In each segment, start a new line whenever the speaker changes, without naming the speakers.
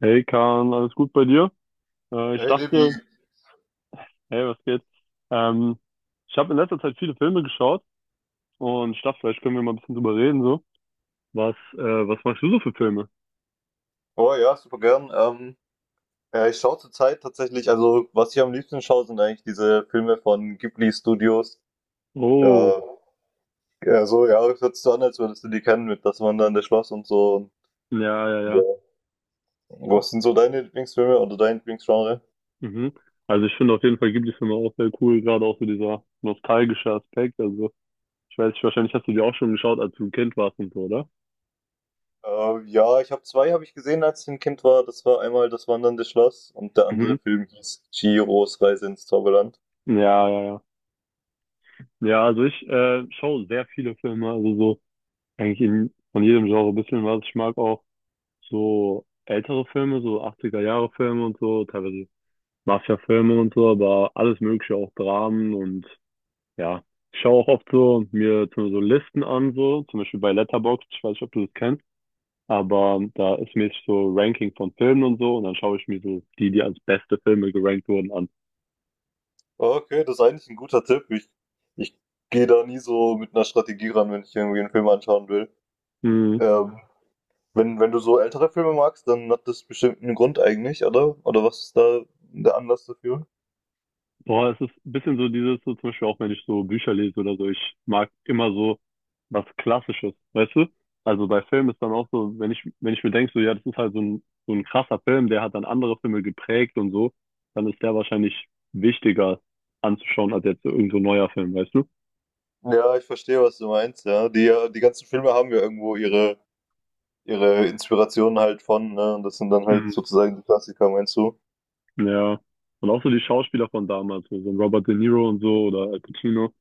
Hey Kahn, alles gut bei dir? Ich
Hey Levi.
dachte, hey, was geht? Ähm, Ich habe in letzter Zeit viele Filme geschaut und ich dachte, vielleicht können wir mal ein bisschen drüber reden, so. Was machst du so für Filme?
Oh ja, super gern. Ja, ich schaue zurzeit tatsächlich, also was ich am liebsten schaue, sind eigentlich diese Filme von Ghibli Studios.
Oh,
Ja, ja so, ja, hört sich so an, als würdest du die kennen mit Das Wandernde Schloss und so.
ja, ja,
Ja.
ja.
Was sind so deine Lieblingsfilme oder dein Lieblingsgenre?
Mhm. Also ich finde auf jeden Fall Ghibli-Filme auch sehr cool, gerade auch so dieser nostalgische Aspekt. Also ich weiß nicht, wahrscheinlich hast du die auch schon geschaut, als du ein Kind warst und so, oder?
Ja, ich habe zwei, habe ich gesehen, als ich ein Kind war. Das war einmal Das Wandernde Schloss und der
Mhm.
andere Film hieß Chihiros Reise ins Zauberland.
Ja, ja, ja. Ja, also ich schaue sehr viele Filme, also eigentlich von jedem Genre ein bisschen was. Ich mag auch so ältere Filme, so 80er Jahre Filme und so, teilweise Mafia-Filme und so, aber alles Mögliche, auch Dramen und ja. Ich schaue auch oft so mir so Listen an, so, zum Beispiel bei Letterboxd, ich weiß nicht, ob du das kennst, aber da ist mir so Ranking von Filmen und so und dann schaue ich mir so die als beste Filme gerankt wurden an.
Okay, das ist eigentlich ein guter Tipp. Ich gehe da nie so mit einer Strategie ran, wenn ich irgendwie einen Film anschauen will.
Hm.
Ähm, Wenn, wenn du so ältere Filme magst, dann hat das bestimmt einen Grund eigentlich, oder? Oder was ist da der Anlass dafür?
Boah, es ist ein bisschen so dieses, so zum Beispiel auch wenn ich so Bücher lese oder so, ich mag immer so was Klassisches, weißt du? Also bei Filmen ist dann auch so, wenn ich mir denke, so ja, das ist halt so ein krasser Film, der hat dann andere Filme geprägt und so, dann ist der wahrscheinlich wichtiger anzuschauen als jetzt so irgend so ein neuer Film, weißt du?
Ja, ich verstehe, was du meinst, ja. Die, die ganzen Filme haben ja irgendwo ihre, ihre Inspirationen halt von, ne? Und das sind dann halt
Mhm.
sozusagen die Klassiker, meinst du?
Ja. Und auch so die Schauspieler von damals, so ein Robert De Niro und so oder Al Pacino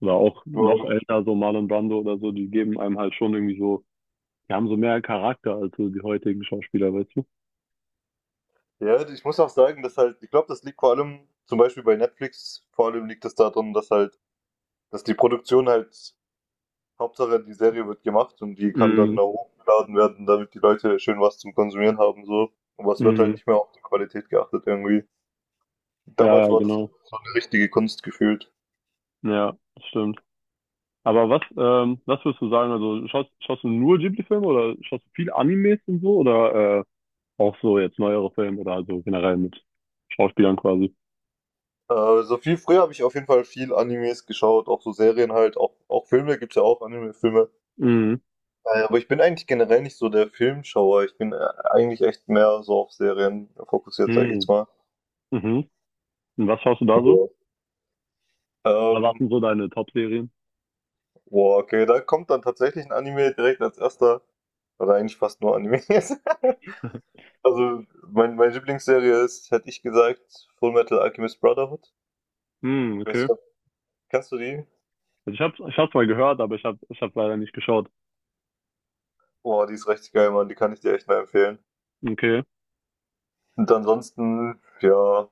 oder auch noch
Wow.
älter, so Marlon Brando oder so, die geben einem halt schon irgendwie so. Die haben so mehr Charakter als so die heutigen Schauspieler, weißt du?
Ja, ich muss auch sagen, dass halt, ich glaube, das liegt vor allem, zum Beispiel bei Netflix, vor allem liegt es daran, dass die Produktion halt Hauptsache, die Serie wird gemacht und die kann dann
Mhm.
da hochgeladen werden, damit die Leute schön was zum Konsumieren haben, so. Aber es wird halt
Mhm.
nicht mehr auf die Qualität geachtet irgendwie.
Ja,
Damals
ja,
war das
genau.
so eine richtige Kunst gefühlt.
Ja, das stimmt. Aber was würdest du sagen? Also schaust du nur Ghibli-Filme oder schaust du viele Animes und so, oder auch so jetzt neuere Filme oder also generell mit Schauspielern quasi?
So viel früher habe ich auf jeden Fall viel Animes geschaut, auch so Serien halt, auch Filme gibt's, ja auch Anime-Filme.
Mhm.
Aber ich bin eigentlich generell nicht so der Filmschauer. Ich bin eigentlich echt mehr so auf Serien fokussiert, sag ich jetzt
Mhm.
mal.
Mhm. Und was schaust du da
Ja.
so? Was
Ähm,
waren so deine Top-Serien?
Boah, okay, da kommt dann tatsächlich ein Anime direkt als erster, oder eigentlich fast nur Animes. Also, meine Lieblingsserie ist, hätte ich gesagt, Fullmetal Alchemist Brotherhood.
Mhm,
Ich weiß
okay.
nicht, kennst du die?
Also ich hab's mal gehört, aber ich hab's leider nicht geschaut.
Boah, die ist richtig geil, Mann. Die kann ich dir echt mal empfehlen.
Okay.
Und ansonsten, ja,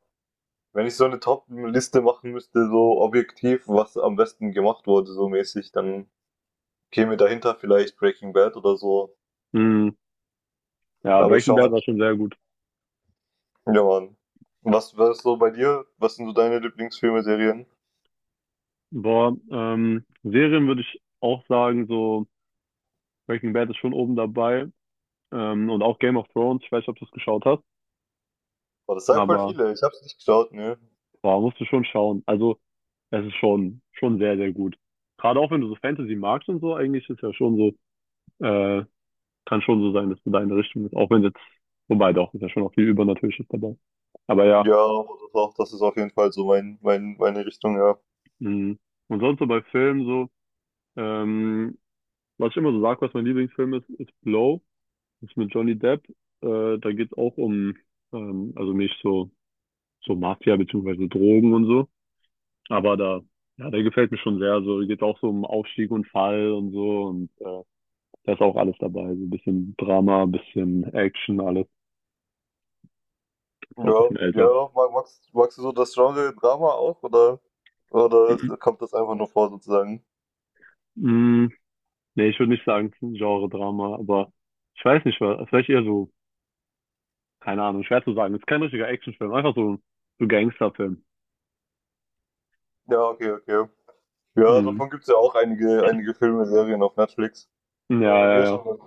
wenn ich so eine Top-Liste machen müsste, so objektiv, was am besten gemacht wurde, so mäßig, dann käme dahinter vielleicht Breaking Bad oder so.
Mhm. Ja,
Aber ich
Breaking
schaue
Bad war
halt,
schon sehr gut.
ja, Mann. Was ist so bei dir? Was sind so deine Lieblingsfilme, Serien?
Boah, Serien würde ich auch sagen, so Breaking Bad ist schon oben dabei. Und auch Game of Thrones, ich weiß nicht, ob du es geschaut hast,
Boah, das sagen voll
aber
viele. Ich hab's nicht geschaut, ne?
boah, musst du schon schauen. Also, es ist schon sehr gut. Gerade auch wenn du so Fantasy magst und so, eigentlich ist ja schon so, äh, kann schon so sein, dass du da in der Richtung bist. Auch wenn jetzt, wobei doch, ist ja schon auch viel Übernatürliches dabei. Aber ja,
Ja, aber das auch, das ist auf jeden Fall so meine Richtung, ja.
mh. Und sonst so bei Filmen so, ähm, was ich immer so sage, was mein Lieblingsfilm ist, ist Blow. Ist mit Johnny Depp. Da geht's auch um also nicht so, so Mafia beziehungsweise Drogen und so. Aber da, ja, der gefällt mir schon sehr. So geht auch so um Aufstieg und Fall und so. Und da ist auch alles dabei. So ein bisschen Drama, ein bisschen Action, alles. Ist auch ein
Ja,
bisschen älter.
ja, magst du so das Genre Drama auch, oder kommt das einfach nur vor sozusagen?
Mm, nee, ich würde nicht sagen, es ist ein Genre-Drama, aber ich weiß nicht, was vielleicht eher so, keine Ahnung, schwer zu sagen. Es ist kein richtiger Actionfilm, einfach so, so Gangsterfilm.
Ja, okay, okay. Ja,
Mhm.
davon gibt es ja auch einige Filme, Serien auf Netflix. Ist
Ja,
bei
ja,
mir ist
ja.
schon eine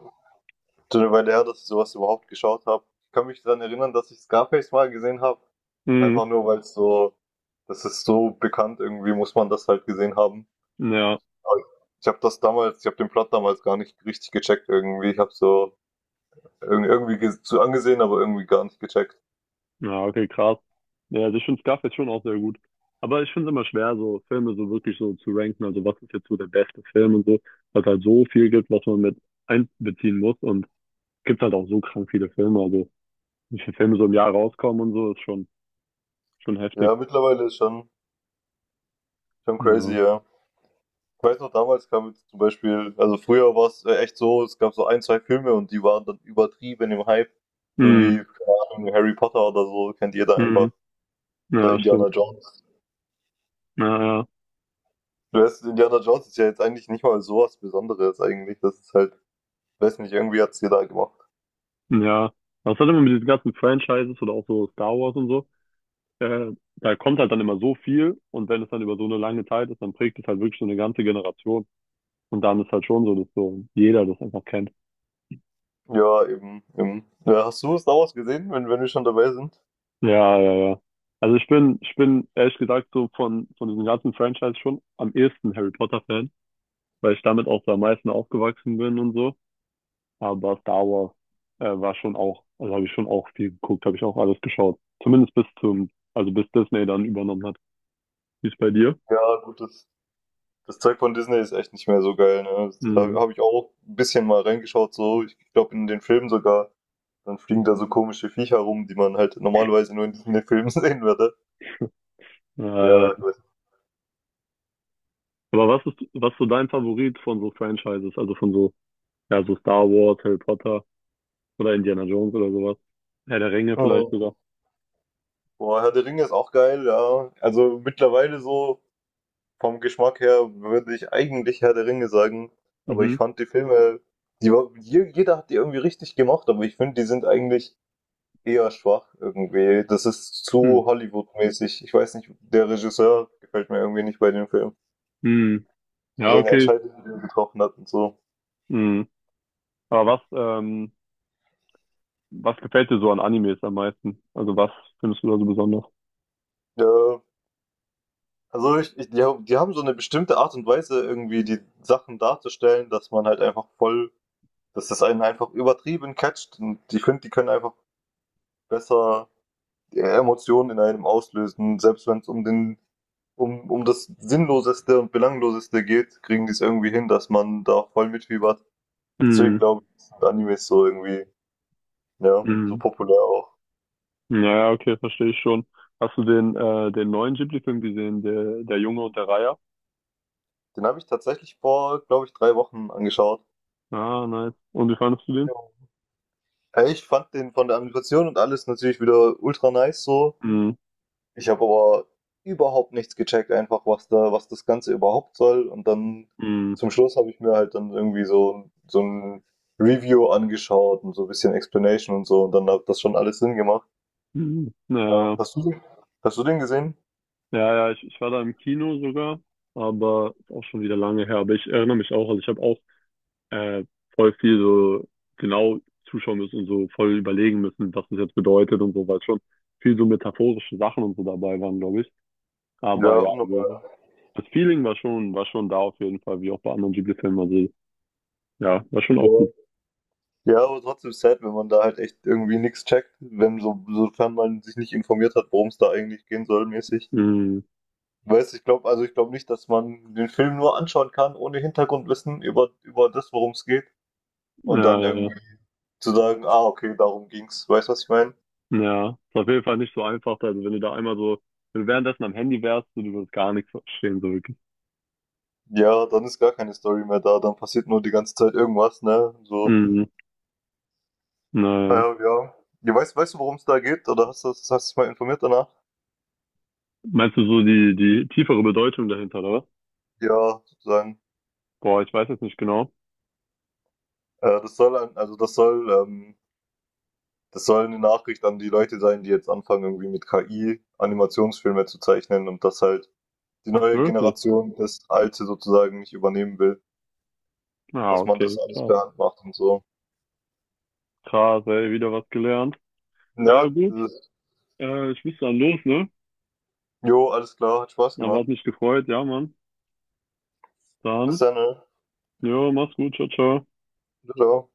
schon eine Weile her, dass ich sowas überhaupt geschaut habe. Ich kann mich daran erinnern, dass ich Scarface mal gesehen habe.
Mhm.
Einfach nur, weil es so, das ist so bekannt, irgendwie muss man das halt gesehen haben.
Ja.
Aber ich habe das damals, ich habe den Plot damals gar nicht richtig gecheckt irgendwie. Ich habe so zu angesehen, aber irgendwie gar nicht gecheckt.
Ja, okay, krass. Ja, also ich finde Scarface schon auch sehr gut. Aber ich finde es immer schwer, so Filme so wirklich so zu ranken. Also was ist jetzt so der beste Film und so, weil es halt so viel gibt, was man mit einbeziehen muss. Und es gibt halt auch so krank viele Filme. Also wie viele Filme so im Jahr rauskommen und so, ist schon heftig.
Ja, mittlerweile ist schon crazy,
Ja.
ja. Ich weiß noch, damals kam jetzt zum Beispiel, also früher war es echt so, es gab so ein, zwei Filme und die waren dann übertrieben im Hype. So
Mhm.
wie, keine Ahnung, Harry Potter oder so, kennt jeder einfach.
Mhm.
Oder
Ja,
Indiana
stimmt.
Jones.
Ja, ja.
Du weißt, Indiana Jones ist ja jetzt eigentlich nicht mal so was Besonderes eigentlich. Das ist halt, weiß nicht, irgendwie hat's jeder gemacht.
Ja. Was hat immer mit diesen ganzen Franchises oder auch so Star Wars und so? Da kommt halt dann immer so viel und wenn es dann über so eine lange Zeit ist, dann prägt es halt wirklich so eine ganze Generation. Und dann ist halt schon so, dass so jeder das einfach kennt.
Ja, eben, eben. Ja, hast du Star Wars gesehen, wenn wir schon dabei sind?
Ja, ja, ja. Also ich bin ehrlich gesagt so von diesem ganzen Franchise schon am ehesten Harry Potter Fan, weil ich damit auch so am meisten aufgewachsen bin und so. Aber Star Wars war schon auch, also habe ich schon auch viel geguckt, habe ich auch alles geschaut. Zumindest bis zum, also bis Disney dann übernommen hat. Wie ist bei dir?
Ja, gut, das Zeug von Disney ist echt nicht mehr so geil. Ne? Da
Mhm.
habe ich auch ein bisschen mal reingeschaut, so. Ich glaube, in den Filmen sogar. Dann fliegen da so komische Viecher rum, die man halt normalerweise nur in diesen Filmen sehen würde.
Äh,
Ja, ich weiß.
aber was ist so dein Favorit von so Franchises? Also von so, ja, so Star Wars, Harry Potter oder Indiana Jones oder sowas? Herr der Ringe vielleicht
Mhm.
sogar.
Boah, Herr der Ringe ist auch geil, ja. Also mittlerweile so vom Geschmack her würde ich eigentlich Herr der Ringe sagen. Aber ich
Mhm.
fand die Filme, die, jeder hat die irgendwie richtig gemacht, aber ich finde, die sind eigentlich eher schwach irgendwie. Das ist
Hm.
zu Hollywood-mäßig. Ich weiß nicht, der Regisseur gefällt mir irgendwie nicht bei dem Film.
Hm.
So
Ja,
seine
okay.
Entscheidungen, die er getroffen hat und so.
Hm. Aber ähm, was gefällt dir so an Animes am meisten? Also was findest du da so besonders?
Ja, also die haben so eine bestimmte Art und Weise, irgendwie die Sachen darzustellen, dass man halt einfach voll, dass das einen einfach übertrieben catcht. Und ich finde, die können einfach besser die Emotionen in einem auslösen, selbst wenn es um den um, um das Sinnloseste und Belangloseste geht, kriegen die es irgendwie hin, dass man da voll mitfiebert. Deswegen
Hm.
glaube ich, sind Animes so irgendwie, ja, so
Hm.
populär auch.
Ja, okay, verstehe ich schon. Hast du den neuen Ghibli-Film gesehen, der Junge und der Reiher?
Den habe ich tatsächlich vor, glaube ich, 3 Wochen angeschaut.
Ah, nice. Und wie fandest du den?
Jo. Ey, ich fand den von der Animation und alles natürlich wieder ultra nice so.
Hm.
Ich habe aber überhaupt nichts gecheckt, einfach was da, was das Ganze überhaupt soll. Und dann
Hm.
zum Schluss habe ich mir halt dann irgendwie so, so ein Review angeschaut und so ein bisschen Explanation und so. Und dann hat das schon alles Sinn gemacht.
Hm.
Ja,
Ja,
hast du den gesehen?
ja, ja, ich war da im Kino sogar, aber ist auch schon wieder lange her. Aber ich erinnere mich auch, also ich habe auch äh, voll viel so genau zuschauen müssen und so voll überlegen müssen, was das jetzt bedeutet und so, weil schon viel so metaphorische Sachen und so dabei waren, glaube ich. Aber
Ja,
ja, also
unnormal.
das Feeling war war schon da auf jeden Fall, wie auch bei anderen Ghibli-Filmen. Also ja, war schon
Ja,
auch gut.
ja, aber trotzdem sad, wenn man da halt echt irgendwie nichts checkt, wenn so, sofern man sich nicht informiert hat, worum es da eigentlich gehen soll, mäßig.
Mhm.
Weiß, ich glaube, also ich glaube nicht, dass man den Film nur anschauen kann, ohne Hintergrundwissen über, über das, worum es geht. Und
Ja,
dann
ja, ja.
irgendwie zu sagen, ah, okay, darum ging's. Weißt du, was ich meine?
Ja, ist auf jeden Fall nicht so einfach. Also wenn du da einmal so, wenn du währenddessen am Handy wärst, so, du würdest gar nichts verstehen, so wirklich.
Ja, dann ist gar keine Story mehr da, dann passiert nur die ganze Zeit irgendwas, ne? So,
Mhm.
ah
Naja.
ja, ja. Ja, weißt du, worum es da geht? Oder hast du dich mal informiert danach?
Meinst du so die tiefere Bedeutung dahinter, oder? Was?
Ja, sozusagen.
Boah, ich weiß jetzt nicht genau.
Also das soll, das soll eine Nachricht an die Leute sein, die jetzt anfangen, irgendwie mit KI Animationsfilme zu zeichnen und dass halt die
Ach,
neue
wirklich?
Generation das alte sozusagen nicht übernehmen will,
Ah,
dass man
okay,
das alles
krass.
per Hand macht und so.
Krass, ey, wieder was gelernt. Ja,
Ne?
gut.
Dieses,
Ich muss dann los, ne?
jo, alles klar, hat Spaß
Aber
gemacht.
hat mich gefreut, ja, Mann.
Bis
Dann,
dann, ne?
jo, mach's gut, ciao, ciao.
Ciao.